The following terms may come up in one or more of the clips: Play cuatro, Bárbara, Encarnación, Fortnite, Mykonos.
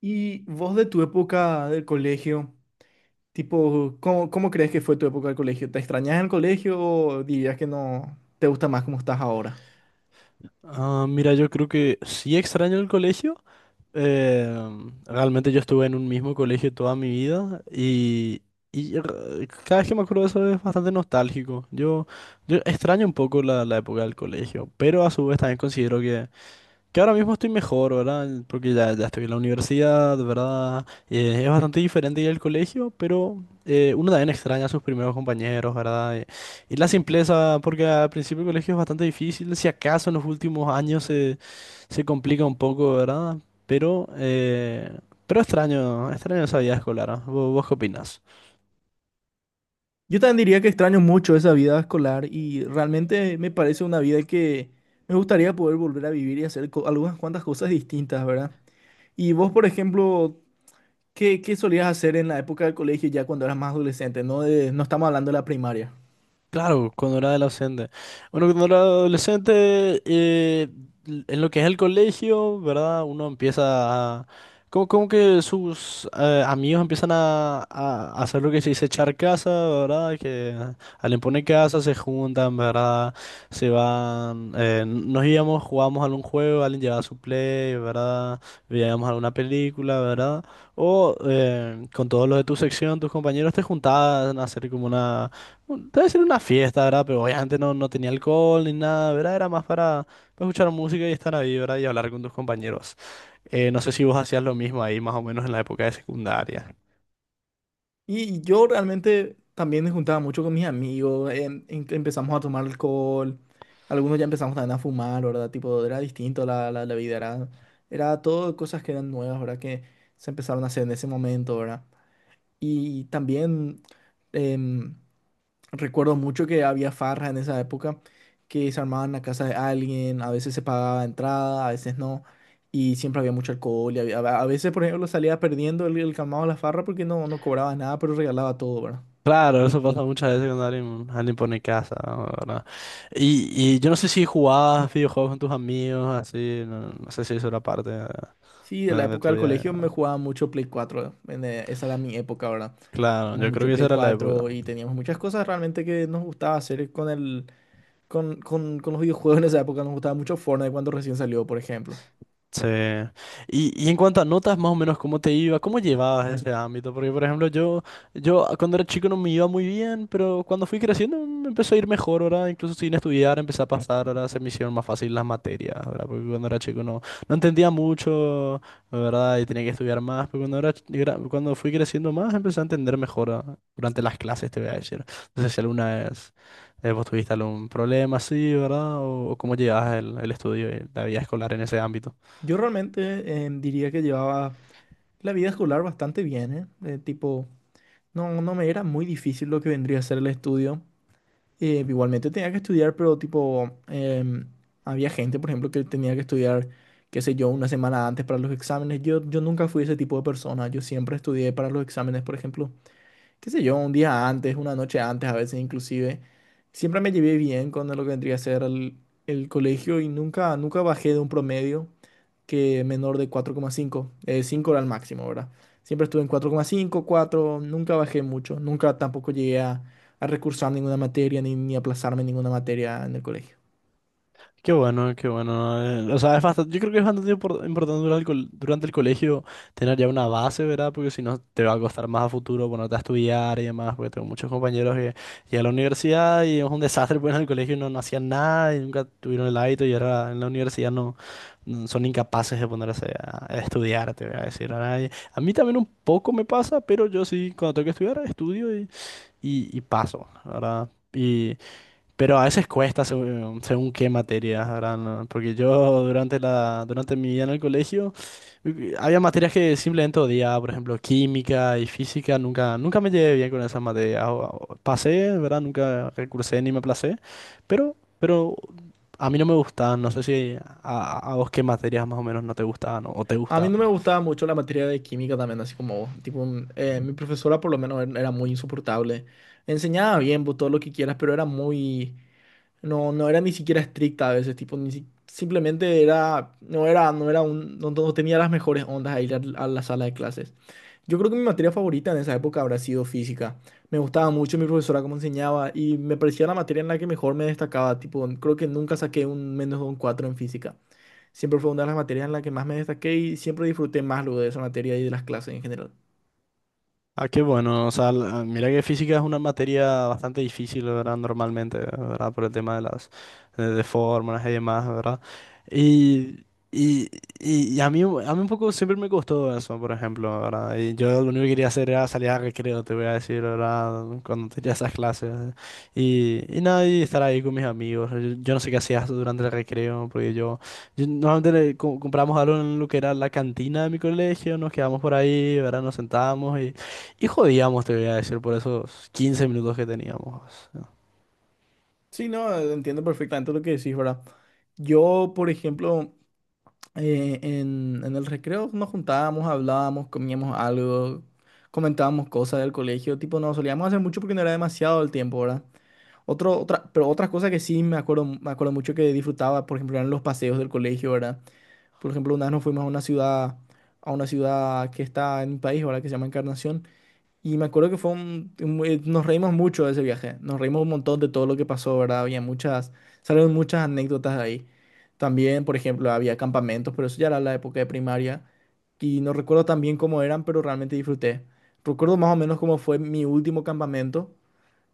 Y vos de tu época del colegio, tipo, ¿cómo crees que fue tu época del colegio? ¿Te extrañas el colegio o dirías que no te gusta más como estás ahora? Ah, mira, yo creo que sí extraño el colegio. Eh, Realmente yo estuve en un mismo colegio toda mi vida y cada vez que me acuerdo de eso es bastante nostálgico. Yo extraño un poco la época del colegio, pero a su vez también considero que ahora mismo estoy mejor, ¿verdad? Porque ya estoy en la universidad, ¿verdad? Es bastante diferente ir al colegio, pero uno también extraña a sus primeros compañeros, ¿verdad? Y la simpleza, porque al principio el colegio es bastante difícil, si acaso en los últimos se complica un poco, ¿verdad? Pero, eh, pero extraño esa vida escolar, ¿ah? ¿Vos qué opinás? Yo también diría que extraño mucho esa vida escolar y realmente me parece una vida que me gustaría poder volver a vivir y hacer algunas cuantas cosas distintas, ¿verdad? Y vos, por ejemplo, ¿qué solías hacer en la época del colegio ya cuando eras más adolescente? No, no estamos hablando de la primaria. Claro, cuando era adolescente. Bueno, cuando era adolescente, en lo que es el colegio, ¿verdad? Uno empieza a... Como que sus amigos empiezan a hacer lo que se dice echar casa, ¿verdad? Que al imponer casa se juntan, ¿verdad? Se van... nos íbamos, jugábamos algún juego, alguien llevaba su play, ¿verdad? Veíamos alguna película, ¿verdad? O con todos los de tu sección, tus compañeros te juntaban a hacer como una debe ser una fiesta, ¿verdad? Pero obviamente no tenía alcohol ni nada, ¿verdad? Era más para escuchar música y estar ahí, ¿verdad? Y hablar con tus compañeros. No sé si vos hacías lo mismo ahí, más o menos en la época de secundaria. Y yo realmente también me juntaba mucho con mis amigos, empezamos a tomar alcohol, algunos ya empezamos también a fumar, ¿verdad? Tipo, era distinto la vida, era todo cosas que eran nuevas, ¿verdad? Que se empezaron a hacer en ese momento, ¿verdad? Y también em, recuerdo mucho que había farras en esa época que se armaban en la casa de alguien, a veces se pagaba entrada, a veces no, y siempre había mucho alcohol. A veces, por ejemplo, salía perdiendo el calmado de la farra porque no, no cobraba nada, pero regalaba todo, ¿verdad? Claro, eso pasa muchas veces cuando alguien pone casa, ¿verdad? Y yo no sé si jugabas videojuegos con tus amigos, así, no, no sé si eso era parte de, Sí, de de- la de época tu del día a colegio día. me jugaba mucho Play cuatro en, esa era mi época, ¿verdad? Claro, Jugábamos yo creo mucho que esa Play era la cuatro época. y teníamos muchas cosas realmente que nos gustaba hacer con con los videojuegos en esa época. Nos gustaba mucho Fortnite cuando recién salió, por ejemplo. Sí. Y en cuanto a notas, más o menos, ¿cómo te iba? ¿Cómo llevabas ese ámbito? Porque, por ejemplo, yo cuando era chico no me iba muy bien, pero cuando fui creciendo me empezó a ir mejor, ¿verdad? Incluso sin estudiar empecé a pasar, ahora se me hicieron más fácil las materias, ¿verdad? Porque cuando era chico no entendía mucho, ¿verdad? Y tenía que estudiar más, pero cuando cuando fui creciendo más empecé a entender mejor, ¿verdad? Durante las clases, te voy a decir. No sé si alguna vez vos tuviste algún problema así, ¿verdad? O cómo llevabas el estudio y la vida escolar en ese ámbito. Yo realmente diría que llevaba la vida escolar bastante bien, ¿eh? Tipo, no, no me era muy difícil lo que vendría a ser el estudio. Igualmente tenía que estudiar, pero tipo, había gente, por ejemplo, que tenía que estudiar, qué sé yo, una semana antes para los exámenes. Yo nunca fui ese tipo de persona. Yo siempre estudié para los exámenes, por ejemplo, qué sé yo, un día antes, una noche antes, a veces inclusive. Siempre me llevé bien con lo que vendría a ser el colegio y nunca, nunca bajé de un promedio que menor de 4,5. 5 era el máximo, ¿verdad? Siempre estuve en 4,5, 4, nunca bajé mucho, nunca tampoco llegué a recursar ninguna materia ni, ni aplazarme en ninguna materia en el colegio. Qué bueno, qué bueno. O sea, es bastante, yo creo que es bastante importante durante durante el colegio tener ya una base, ¿verdad? Porque si no te va a costar más a futuro ponerte a estudiar y demás, porque tengo muchos compañeros que llegan a la universidad y es un desastre, porque en el colegio no hacían nada y nunca tuvieron el hábito y ahora en la universidad son incapaces de ponerse a estudiar, te voy a decir, ¿verdad? Y a mí también un poco me pasa, pero yo sí, cuando tengo que estudiar, estudio y paso, ¿verdad? Pero a veces cuesta según qué materias, ¿verdad? No, porque yo durante durante mi vida en el colegio había materias que simplemente odiaba, por ejemplo, química y física, nunca me llevé bien con esas materias. Pasé, ¿verdad? Nunca recursé ni me aplacé, pero a mí no me gustaban, no sé si a vos qué materias más o menos no te gustaban o te A mí gustaban. no me gustaba mucho la materia de química también, así como vos. Tipo, mi profesora por lo menos era muy insoportable. Enseñaba bien, vos, todo lo que quieras, pero era muy. No, no era ni siquiera estricta a veces, tipo, ni si- simplemente era. No era, no era un. No, no tenía las mejores ondas a ir a la sala de clases. Yo creo que mi materia favorita en esa época habrá sido física. Me gustaba mucho mi profesora cómo enseñaba y me parecía la materia en la que mejor me destacaba. Tipo, creo que nunca saqué un menos de un 4 en física. Siempre fue una de las materias en la que más me destaqué y siempre disfruté más luego de esa materia y de las clases en general. Ah, qué bueno. O sea, mira que física es una materia bastante difícil, ¿verdad? Normalmente, ¿verdad? Por el tema de las de fórmulas y demás, ¿verdad? Y, y, y a a mí un poco siempre me costó eso, por ejemplo, ¿verdad? Y yo lo único que quería hacer era salir a recreo, te voy a decir, ¿verdad? Cuando tenía esas clases. Y nada, y estar ahí con mis amigos. Yo no sé qué hacías durante el recreo, porque yo... Normalmente le compramos algo en lo que era la cantina de mi colegio, nos quedamos por ahí, ¿verdad? Nos sentábamos y jodíamos, te voy a decir, por esos 15 minutos que teníamos, ¿no? Sí, no, entiendo perfectamente lo que decís, ¿verdad? Yo, por ejemplo, en el recreo nos juntábamos, hablábamos, comíamos algo, comentábamos cosas del colegio. Tipo, no solíamos hacer mucho porque no era demasiado el tiempo, ¿verdad? Pero otras cosas que sí me acuerdo mucho que disfrutaba, por ejemplo, eran los paseos del colegio, ¿verdad? Por ejemplo, una vez nos fuimos a una ciudad que está en mi país, ¿verdad? Que se llama Encarnación. Y me acuerdo que fue nos reímos mucho de ese viaje. Nos reímos un montón de todo lo que pasó, ¿verdad? Había muchas, salieron muchas anécdotas de ahí. También, por ejemplo, había campamentos, pero eso ya era la época de primaria. Y no recuerdo tan bien cómo eran, pero realmente disfruté. Recuerdo más o menos cómo fue mi último campamento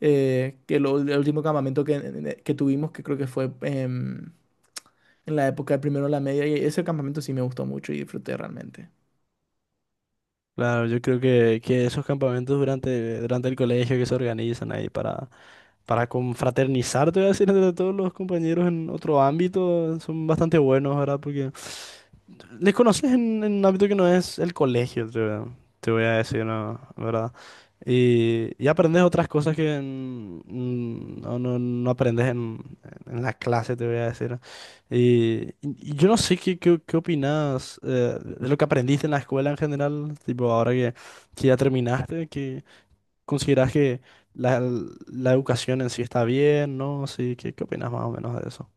el último campamento que tuvimos, que creo que fue en la época de primero de la media, y ese campamento sí me gustó mucho y disfruté realmente. Claro, yo creo que esos campamentos durante el colegio que se organizan ahí para confraternizar, te voy a decir, entre todos los compañeros en otro ámbito, son bastante buenos, ¿verdad? Porque les conoces en un ámbito que no es el colegio, te voy a decir, ¿no? ¿Verdad? Y aprendes otras cosas que no aprendes en la clase, te voy a decir. Y yo no sé qué opinas de lo que aprendiste en la escuela en general, tipo ahora que ya terminaste, que consideras que la, la educación en sí está bien, ¿no? Sí, ¿qué, qué opinas más o menos de eso?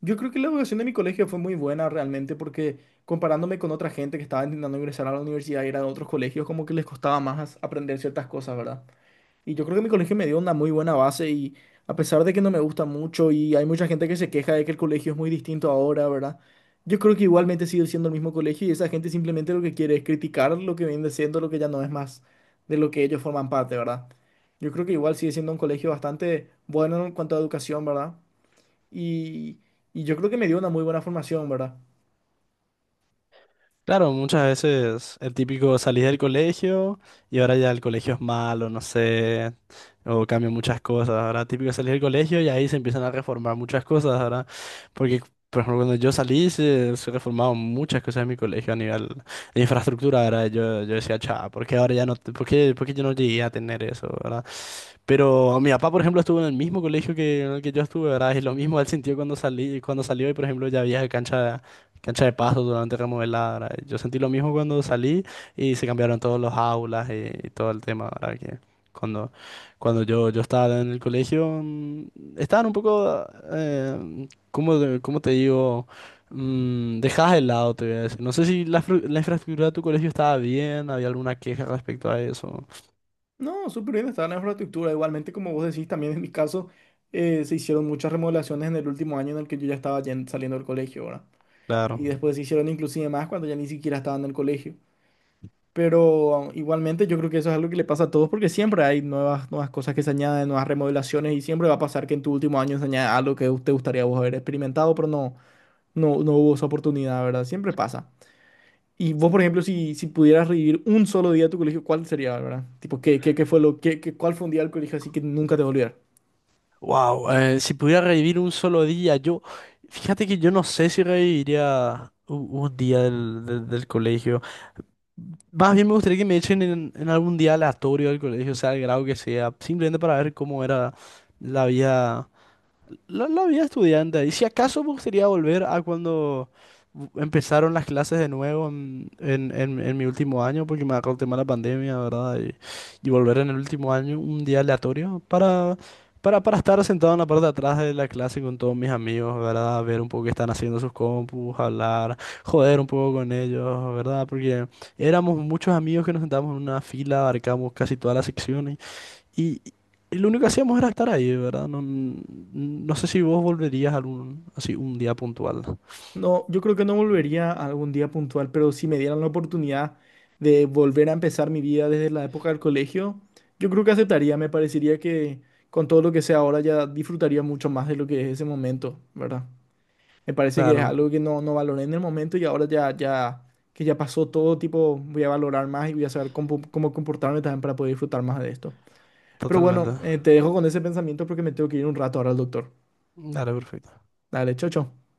Yo creo que la educación de mi colegio fue muy buena realmente porque comparándome con otra gente que estaba intentando ingresar a la universidad y era de otros colegios, como que les costaba más aprender ciertas cosas, ¿verdad? Y yo creo que mi colegio me dio una muy buena base y a pesar de que no me gusta mucho y hay mucha gente que se queja de que el colegio es muy distinto ahora, ¿verdad? Yo creo que igualmente sigue siendo el mismo colegio y esa gente simplemente lo que quiere es criticar lo que viene siendo, lo que ya no es más de lo que ellos forman parte, ¿verdad? Yo creo que igual sigue siendo un colegio bastante bueno en cuanto a educación, ¿verdad? Y, y yo creo que me dio una muy buena formación, ¿verdad? Claro, muchas veces el típico salís del colegio y ahora ya el colegio es malo, no sé, o cambian muchas cosas. Ahora típico salir del colegio y ahí se empiezan a reformar muchas cosas, ahora porque, por ejemplo, cuando yo salí se reformaron muchas cosas en mi colegio a nivel de infraestructura, ahora yo decía, chao, ¿por qué ahora ya no, por por qué yo no llegué a tener eso, ¿verdad? Pero mi papá, por ejemplo, estuvo en el mismo colegio en el que yo estuve, ¿verdad? Y lo mismo él sintió cuando salí, cuando salió y, por ejemplo, ya había cancha de paso totalmente remodelada, ¿verdad? Yo sentí lo mismo cuando salí y se cambiaron todos los aulas y todo el tema, ¿verdad? Que cuando, cuando yo estaba en el colegio, estaban un ¿cómo, cómo te digo? Dejadas de lado, te voy a decir. No sé si la infraestructura de tu colegio estaba bien, había alguna queja respecto a eso. No, súper bien está la infraestructura. Igualmente, como vos decís, también en mi caso se hicieron muchas remodelaciones en el último año en el que yo ya estaba saliendo del colegio, ¿verdad? Claro. Y después se hicieron inclusive más cuando ya ni siquiera estaba en el colegio. Pero igualmente yo creo que eso es algo que le pasa a todos porque siempre hay nuevas cosas que se añaden, nuevas remodelaciones y siempre va a pasar que en tu último año se añade algo que te gustaría vos haber experimentado, pero no hubo esa oportunidad, ¿verdad? Siempre pasa. Y vos, por ejemplo, si pudieras revivir un solo día de tu colegio, ¿cuál sería, Bárbara? Tipo, ¿qué, qué, qué fue lo, qué, qué- cuál fue un día del colegio así que nunca te va a olvidar? Wow, si pudiera revivir un solo día, fíjate que yo no sé si reviviría día del colegio. Más bien me gustaría que me echen en algún día aleatorio del colegio, sea el grado que sea, simplemente para ver cómo era la vida. La vida estudiante. Y si acaso me gustaría volver a cuando empezaron las clases de nuevo en mi último año, porque me agarró el tema de la pandemia, ¿verdad? Y volver en el último año, un día aleatorio, para estar sentado en la parte de atrás de la clase con todos mis amigos, ¿verdad? Ver un poco qué están haciendo sus compus, hablar, joder un poco con ellos, ¿verdad? Porque éramos muchos amigos que nos sentábamos en una fila, abarcamos casi todas las secciones. Y, y lo único que hacíamos era estar ahí, ¿verdad? No, no sé si vos volverías algún, así un día puntual. No, yo creo que no volvería a algún día puntual, pero si me dieran la oportunidad de volver a empezar mi vida desde la época del colegio, yo creo que aceptaría. Me parecería que con todo lo que sé ahora ya disfrutaría mucho más de lo que es ese momento, ¿verdad? Me parece que es Claro, algo que no, no valoré en el momento y ahora que ya pasó todo, tipo, voy a valorar más y voy a saber cómo, cómo comportarme también para poder disfrutar más de esto. Pero bueno, totalmente. Te dejo con ese pensamiento porque me tengo que ir un rato ahora al doctor. Claro, perfecto. Dale, chao, chao.